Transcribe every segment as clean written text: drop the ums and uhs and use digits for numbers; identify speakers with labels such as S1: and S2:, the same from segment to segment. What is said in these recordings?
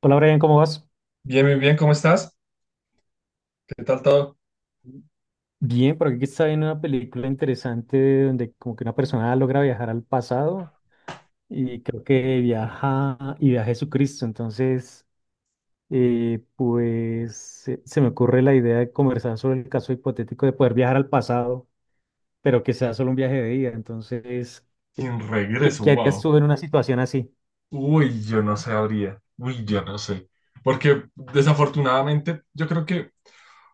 S1: Hola Brian, ¿cómo vas?
S2: Bien, bien, bien, ¿cómo estás? ¿Qué tal todo?
S1: Bien, por aquí está viendo una película interesante donde como que una persona logra viajar al pasado y creo que viaja y viaja a Jesucristo. Entonces, pues se me ocurre la idea de conversar sobre el caso hipotético de poder viajar al pasado, pero que sea solo un viaje de día. Entonces, ¿qué,
S2: Sin
S1: ¿qué-
S2: regreso,
S1: qué harías
S2: wow.
S1: tú en una situación así?
S2: Uy, yo no sabría. Uy, yo no sé. Porque desafortunadamente, yo creo que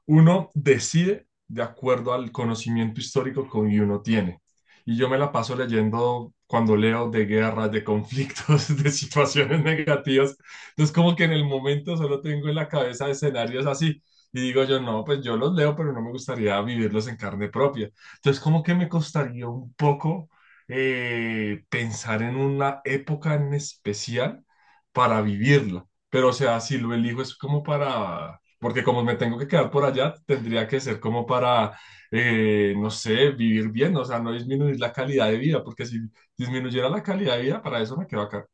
S2: uno decide de acuerdo al conocimiento histórico que uno tiene. Y yo me la paso leyendo cuando leo de guerras, de conflictos, de situaciones negativas. Entonces, como que en el momento solo tengo en la cabeza escenarios así. Y digo yo, no, pues yo los leo, pero no me gustaría vivirlos en carne propia. Entonces, como que me costaría un poco pensar en una época en especial para vivirla. Pero, o sea, si lo elijo es como para, porque como me tengo que quedar por allá, tendría que ser como para, no sé, vivir bien, o sea, no disminuir la calidad de vida, porque si disminuyera la calidad de vida, para eso me quedo acá.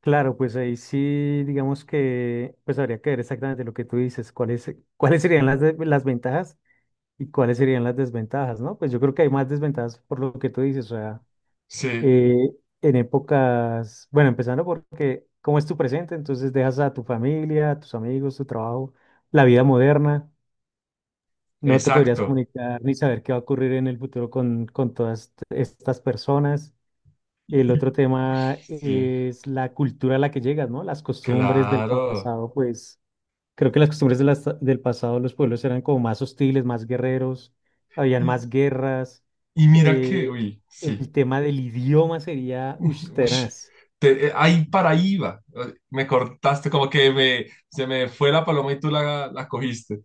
S1: Claro, pues ahí sí, digamos que pues habría que ver exactamente lo que tú dices, cuáles serían las, de- las ventajas. ¿Y cuáles serían las desventajas, no? Pues yo creo que hay más desventajas por lo que tú dices, o sea,
S2: Sí,
S1: eh, en épocas, bueno, empezando por cómo es tu presente, entonces dejas a tu familia, a tus amigos, tu trabajo, la vida moderna, no te podrías
S2: exacto.
S1: comunicar ni saber qué va a ocurrir en el futuro con todas t- estas personas. El otro tema
S2: Sí,
S1: es la cultura a la que llegas, ¿no? Las costumbres del
S2: claro.
S1: pasado, pues creo que las costumbres de las- del pasado, los pueblos eran como más hostiles, más guerreros, habían
S2: Y,
S1: más guerras.
S2: y mira que,
S1: eh,
S2: uy, sí.
S1: el tema del idioma sería ush,
S2: Ush,
S1: tenaz.
S2: ahí para ahí iba. Me cortaste, como que me, se me fue la paloma y tú la cogiste.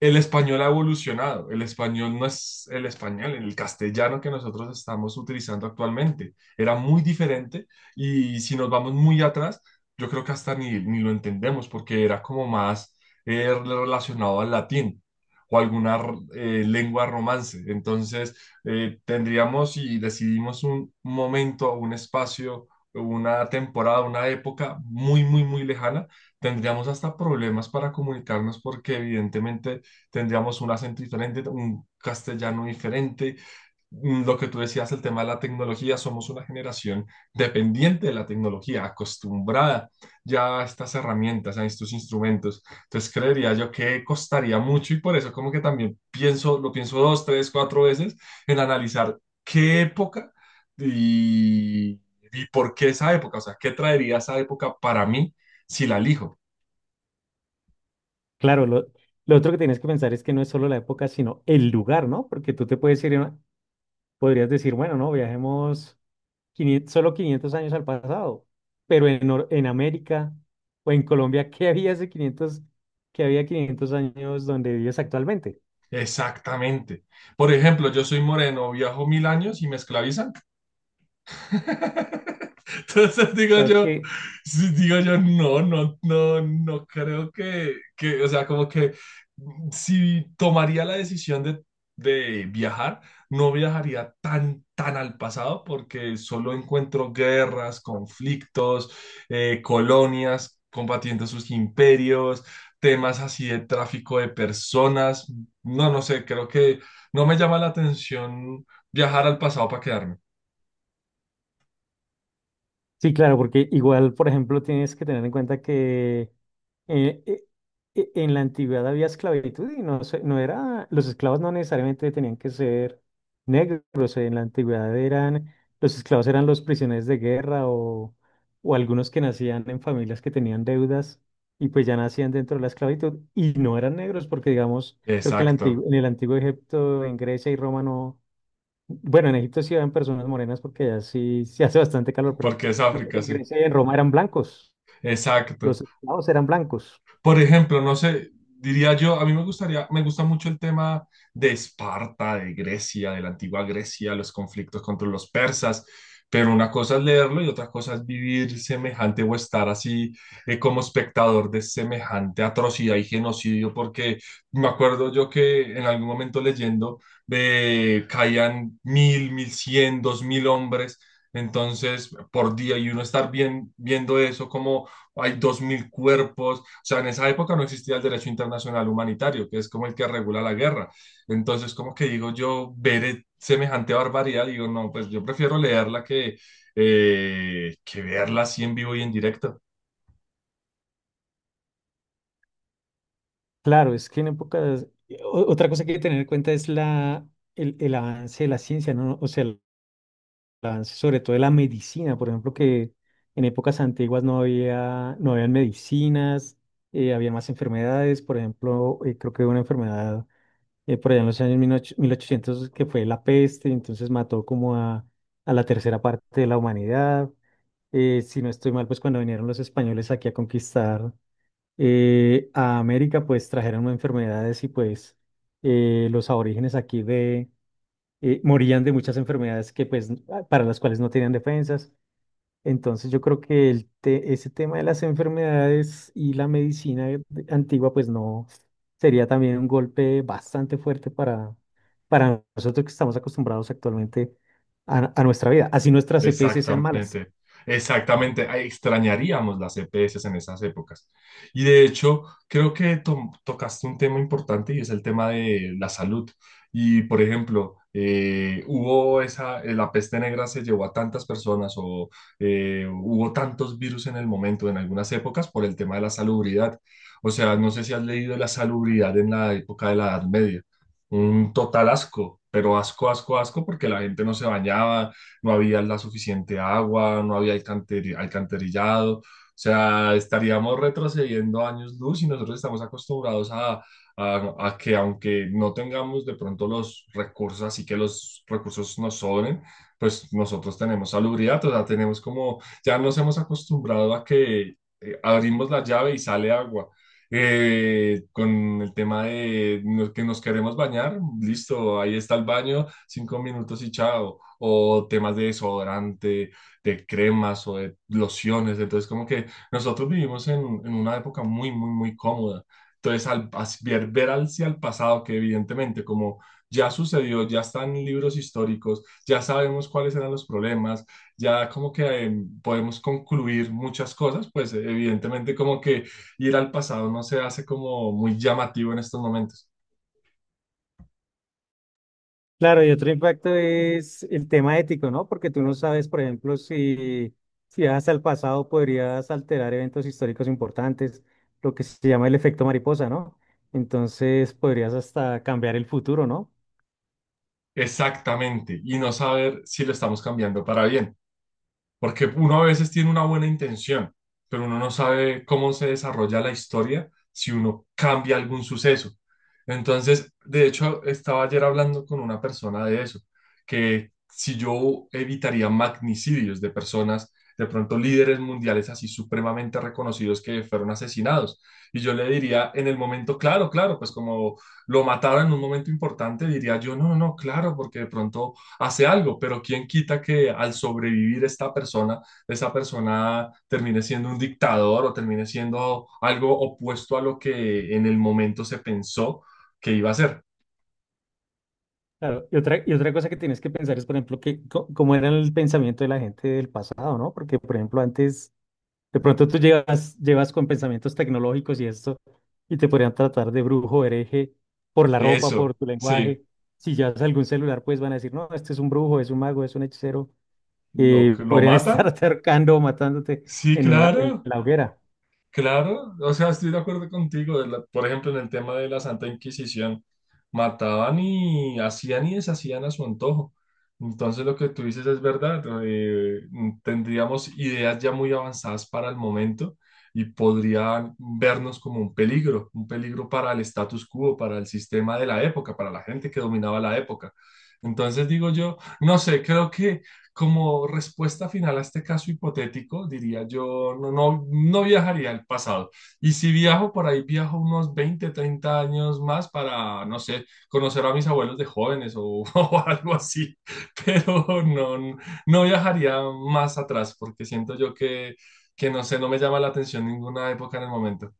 S2: El español ha evolucionado, el español no es el español, el castellano que nosotros estamos utilizando actualmente. Era muy diferente, y si nos vamos muy atrás, yo creo que hasta ni lo entendemos porque era como más relacionado al latín o alguna lengua romance. Entonces, tendríamos y decidimos un momento, un espacio, una temporada, una época muy, muy, muy lejana, tendríamos hasta problemas para comunicarnos porque evidentemente tendríamos un acento diferente, un castellano diferente. Lo que tú decías, el tema de la tecnología, somos una generación dependiente de la tecnología, acostumbrada ya a estas herramientas, a estos instrumentos. Entonces creería yo que costaría mucho, y por eso como que también pienso, lo pienso dos, tres, cuatro veces en analizar qué época y, y por qué esa época, o sea, qué traería esa época para mí si la elijo.
S1: Claro, lo otro que tienes que pensar es que no es solo la época, sino el lugar, ¿no? Porque tú te puedes ir, a- podrías decir, bueno, no, viajemos 500 solo 500 años al pasado, pero en, Nor- en América o en Colombia, ¿qué había hace 500 qué había 500 años donde vives actualmente?
S2: Exactamente. Por ejemplo, yo soy moreno, viajo 1.000 años y me esclavizan. Entonces digo
S1: Claro
S2: yo,
S1: que
S2: sí, digo yo, no, no, no, no creo que, o sea, como que si tomaría la decisión de viajar, no viajaría tan, tan al pasado porque solo encuentro guerras, conflictos, colonias combatiendo sus imperios, temas así de tráfico de personas. No, no sé, creo que no me llama la atención viajar al pasado para quedarme.
S1: sí, claro, porque igual, por ejemplo, tienes que tener en cuenta que eh, eh, en la antigüedad había esclavitud y no, se- no era, los esclavos no necesariamente tenían que ser negros, en la antigüedad eran, los esclavos eran los prisioneros de guerra o algunos que nacían en familias que tenían deudas y pues ya nacían dentro de la esclavitud y no eran negros porque, digamos, creo que en, la antigua-
S2: Exacto.
S1: en el antiguo Egipto, en Grecia y Roma no. Bueno, en Egipto sí habían personas morenas porque allá sí, sí hace bastante calor, pero
S2: Porque es
S1: creo que
S2: África,
S1: en
S2: sí.
S1: Grecia y en Roma eran blancos.
S2: Exacto.
S1: Los esclavos eran blancos.
S2: Por ejemplo, no sé, diría yo, a mí me gustaría, me gusta mucho el tema de Esparta, de Grecia, de la antigua Grecia, los conflictos contra los persas, pero una cosa es leerlo y otra cosa es vivir semejante o estar así como espectador de semejante atrocidad y genocidio, porque me acuerdo yo que en algún momento leyendo caían 1.000, 1.100, 2.000 hombres. Entonces, por día, y uno estar bien, viendo eso como hay 2.000 cuerpos. O sea, en esa época no existía el derecho internacional humanitario, que es como el que regula la guerra. Entonces, como que digo yo, veré semejante barbaridad, digo, no, pues yo prefiero leerla que verla así en vivo y en directo.
S1: Claro, es que en épocas... o- otra cosa que hay que tener en cuenta es el avance de la ciencia, ¿no? O sea, el avance sobre todo de la medicina, por ejemplo, que en épocas antiguas no había, no habían medicinas, había más enfermedades, por ejemplo, creo que una enfermedad por allá en los años 18- 1800, que fue la peste, entonces mató como a la tercera parte de la humanidad. Si no estoy mal, pues cuando vinieron los españoles aquí a conquistar a América, pues trajeron enfermedades y pues los aborígenes aquí de, morían de muchas enfermedades que pues para las cuales no tenían defensas. Entonces yo creo que el te- ese tema de las enfermedades y la medicina de- antigua, pues no, sería también un golpe bastante fuerte para nosotros que estamos acostumbrados actualmente a nuestra vida, así nuestras EPS sean malas.
S2: Exactamente, exactamente. Ay, extrañaríamos las EPS en esas épocas. Y de hecho, creo que tocaste un tema importante, y es el tema de la salud. Y por ejemplo, hubo esa, la peste negra se llevó a tantas personas, o hubo tantos virus en el momento, en algunas épocas, por el tema de la salubridad. O sea, no sé si has leído de la salubridad en la época de la Edad Media. Un total asco, pero asco, asco, asco, porque la gente no se bañaba, no había la suficiente agua, no había alcantarillado. O sea, estaríamos retrocediendo años luz, y nosotros estamos acostumbrados a que, aunque no tengamos de pronto los recursos, así que los recursos nos sobren, pues nosotros tenemos salubridad, o sea, tenemos como, ya nos hemos acostumbrado a que abrimos la llave y sale agua, con el tema de que nos queremos bañar, listo, ahí está el baño, 5 minutos y chao, o temas de desodorante, de cremas o de lociones. Entonces, como que nosotros vivimos en, una época muy, muy, muy cómoda. Entonces, ver hacia el pasado, que evidentemente, como ya sucedió, ya están libros históricos, ya sabemos cuáles eran los problemas, ya como que podemos concluir muchas cosas, pues evidentemente, como que ir al pasado no se hace como muy llamativo en estos momentos.
S1: Claro, y otro impacto es el tema ético, ¿no? Porque tú no sabes, por ejemplo, si vas al pasado podrías alterar eventos históricos importantes, lo que se llama el efecto mariposa, ¿no? Entonces podrías hasta cambiar el futuro, ¿no?
S2: Exactamente, y no saber si lo estamos cambiando para bien. Porque uno a veces tiene una buena intención, pero uno no sabe cómo se desarrolla la historia si uno cambia algún suceso. Entonces, de hecho, estaba ayer hablando con una persona de eso, que si yo evitaría magnicidios de personas, de pronto líderes mundiales así supremamente reconocidos que fueron asesinados. Y yo le diría en el momento, claro, claro, pues como lo mataron en un momento importante, diría yo, no, no, no, claro, porque de pronto hace algo, pero quién quita que al sobrevivir esta persona, esa persona termine siendo un dictador o termine siendo algo opuesto a lo que en el momento se pensó que iba a ser.
S1: Claro, y otra cosa que tienes que pensar es, por ejemplo, que co- cómo era el pensamiento de la gente del pasado, ¿no? Porque, por ejemplo, antes, de pronto tú llevas, llevas con pensamientos tecnológicos y esto, y te podrían tratar de brujo, hereje, por la ropa, por
S2: Eso,
S1: tu
S2: sí,
S1: lenguaje. Si llevas algún celular, pues van a decir, no, este es un brujo, es un mago, es un hechicero.
S2: lo,
S1: Y
S2: lo
S1: podrían estar
S2: matan,
S1: acercando o matándote
S2: sí,
S1: en, un la- en
S2: claro.
S1: la hoguera.
S2: Claro, o sea, estoy de acuerdo contigo. Por ejemplo, en el tema de la Santa Inquisición, mataban y hacían y deshacían a su antojo. Entonces, lo que tú dices es verdad. Tendríamos ideas ya muy avanzadas para el momento, y podrían vernos como un peligro para el status quo, para el sistema de la época, para la gente que dominaba la época. Entonces, digo yo, no sé, creo que como respuesta final a este caso hipotético, diría yo, no, no, no viajaría al pasado. Y si viajo por ahí, viajo unos 20, 30 años más para, no sé, conocer a mis abuelos de jóvenes, o o algo así. Pero no, no, no viajaría más atrás porque siento yo que, no sé, no me llama la atención ninguna época en el momento.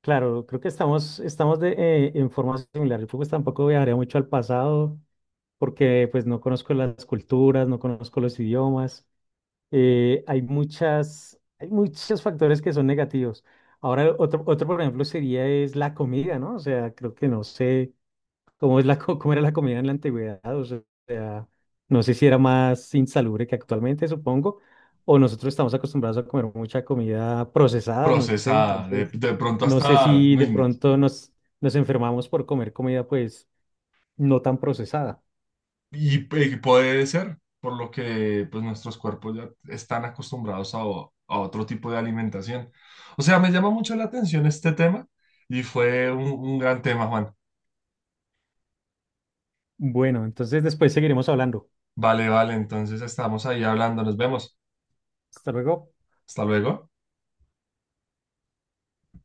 S1: Claro, creo que estamos, estamos de, en forma similar. Yo pues tampoco viajaría mucho al pasado, porque pues no conozco las culturas, no conozco los idiomas. Hay muchas, hay muchos factores que son negativos. Ahora, otro, por ejemplo, sería es la comida, ¿no? O sea, creo que no sé cómo es la, co- cómo era la comida en la antigüedad, o sea, no sé si era más insalubre que actualmente, supongo, o nosotros estamos acostumbrados a comer mucha comida procesada, no sé,
S2: Procesada, de,
S1: entonces,
S2: de pronto
S1: no sé
S2: hasta,
S1: si de
S2: uy,
S1: pronto nos enfermamos por comer comida, pues, no tan procesada.
S2: Y, puede ser, por lo que pues nuestros cuerpos ya están acostumbrados a otro tipo de alimentación. O sea, me llama mucho la atención este tema, y fue un gran tema, Juan.
S1: Bueno, entonces después seguiremos hablando.
S2: Vale, vale, entonces estamos ahí hablando, nos vemos.
S1: Hasta luego.
S2: Hasta luego.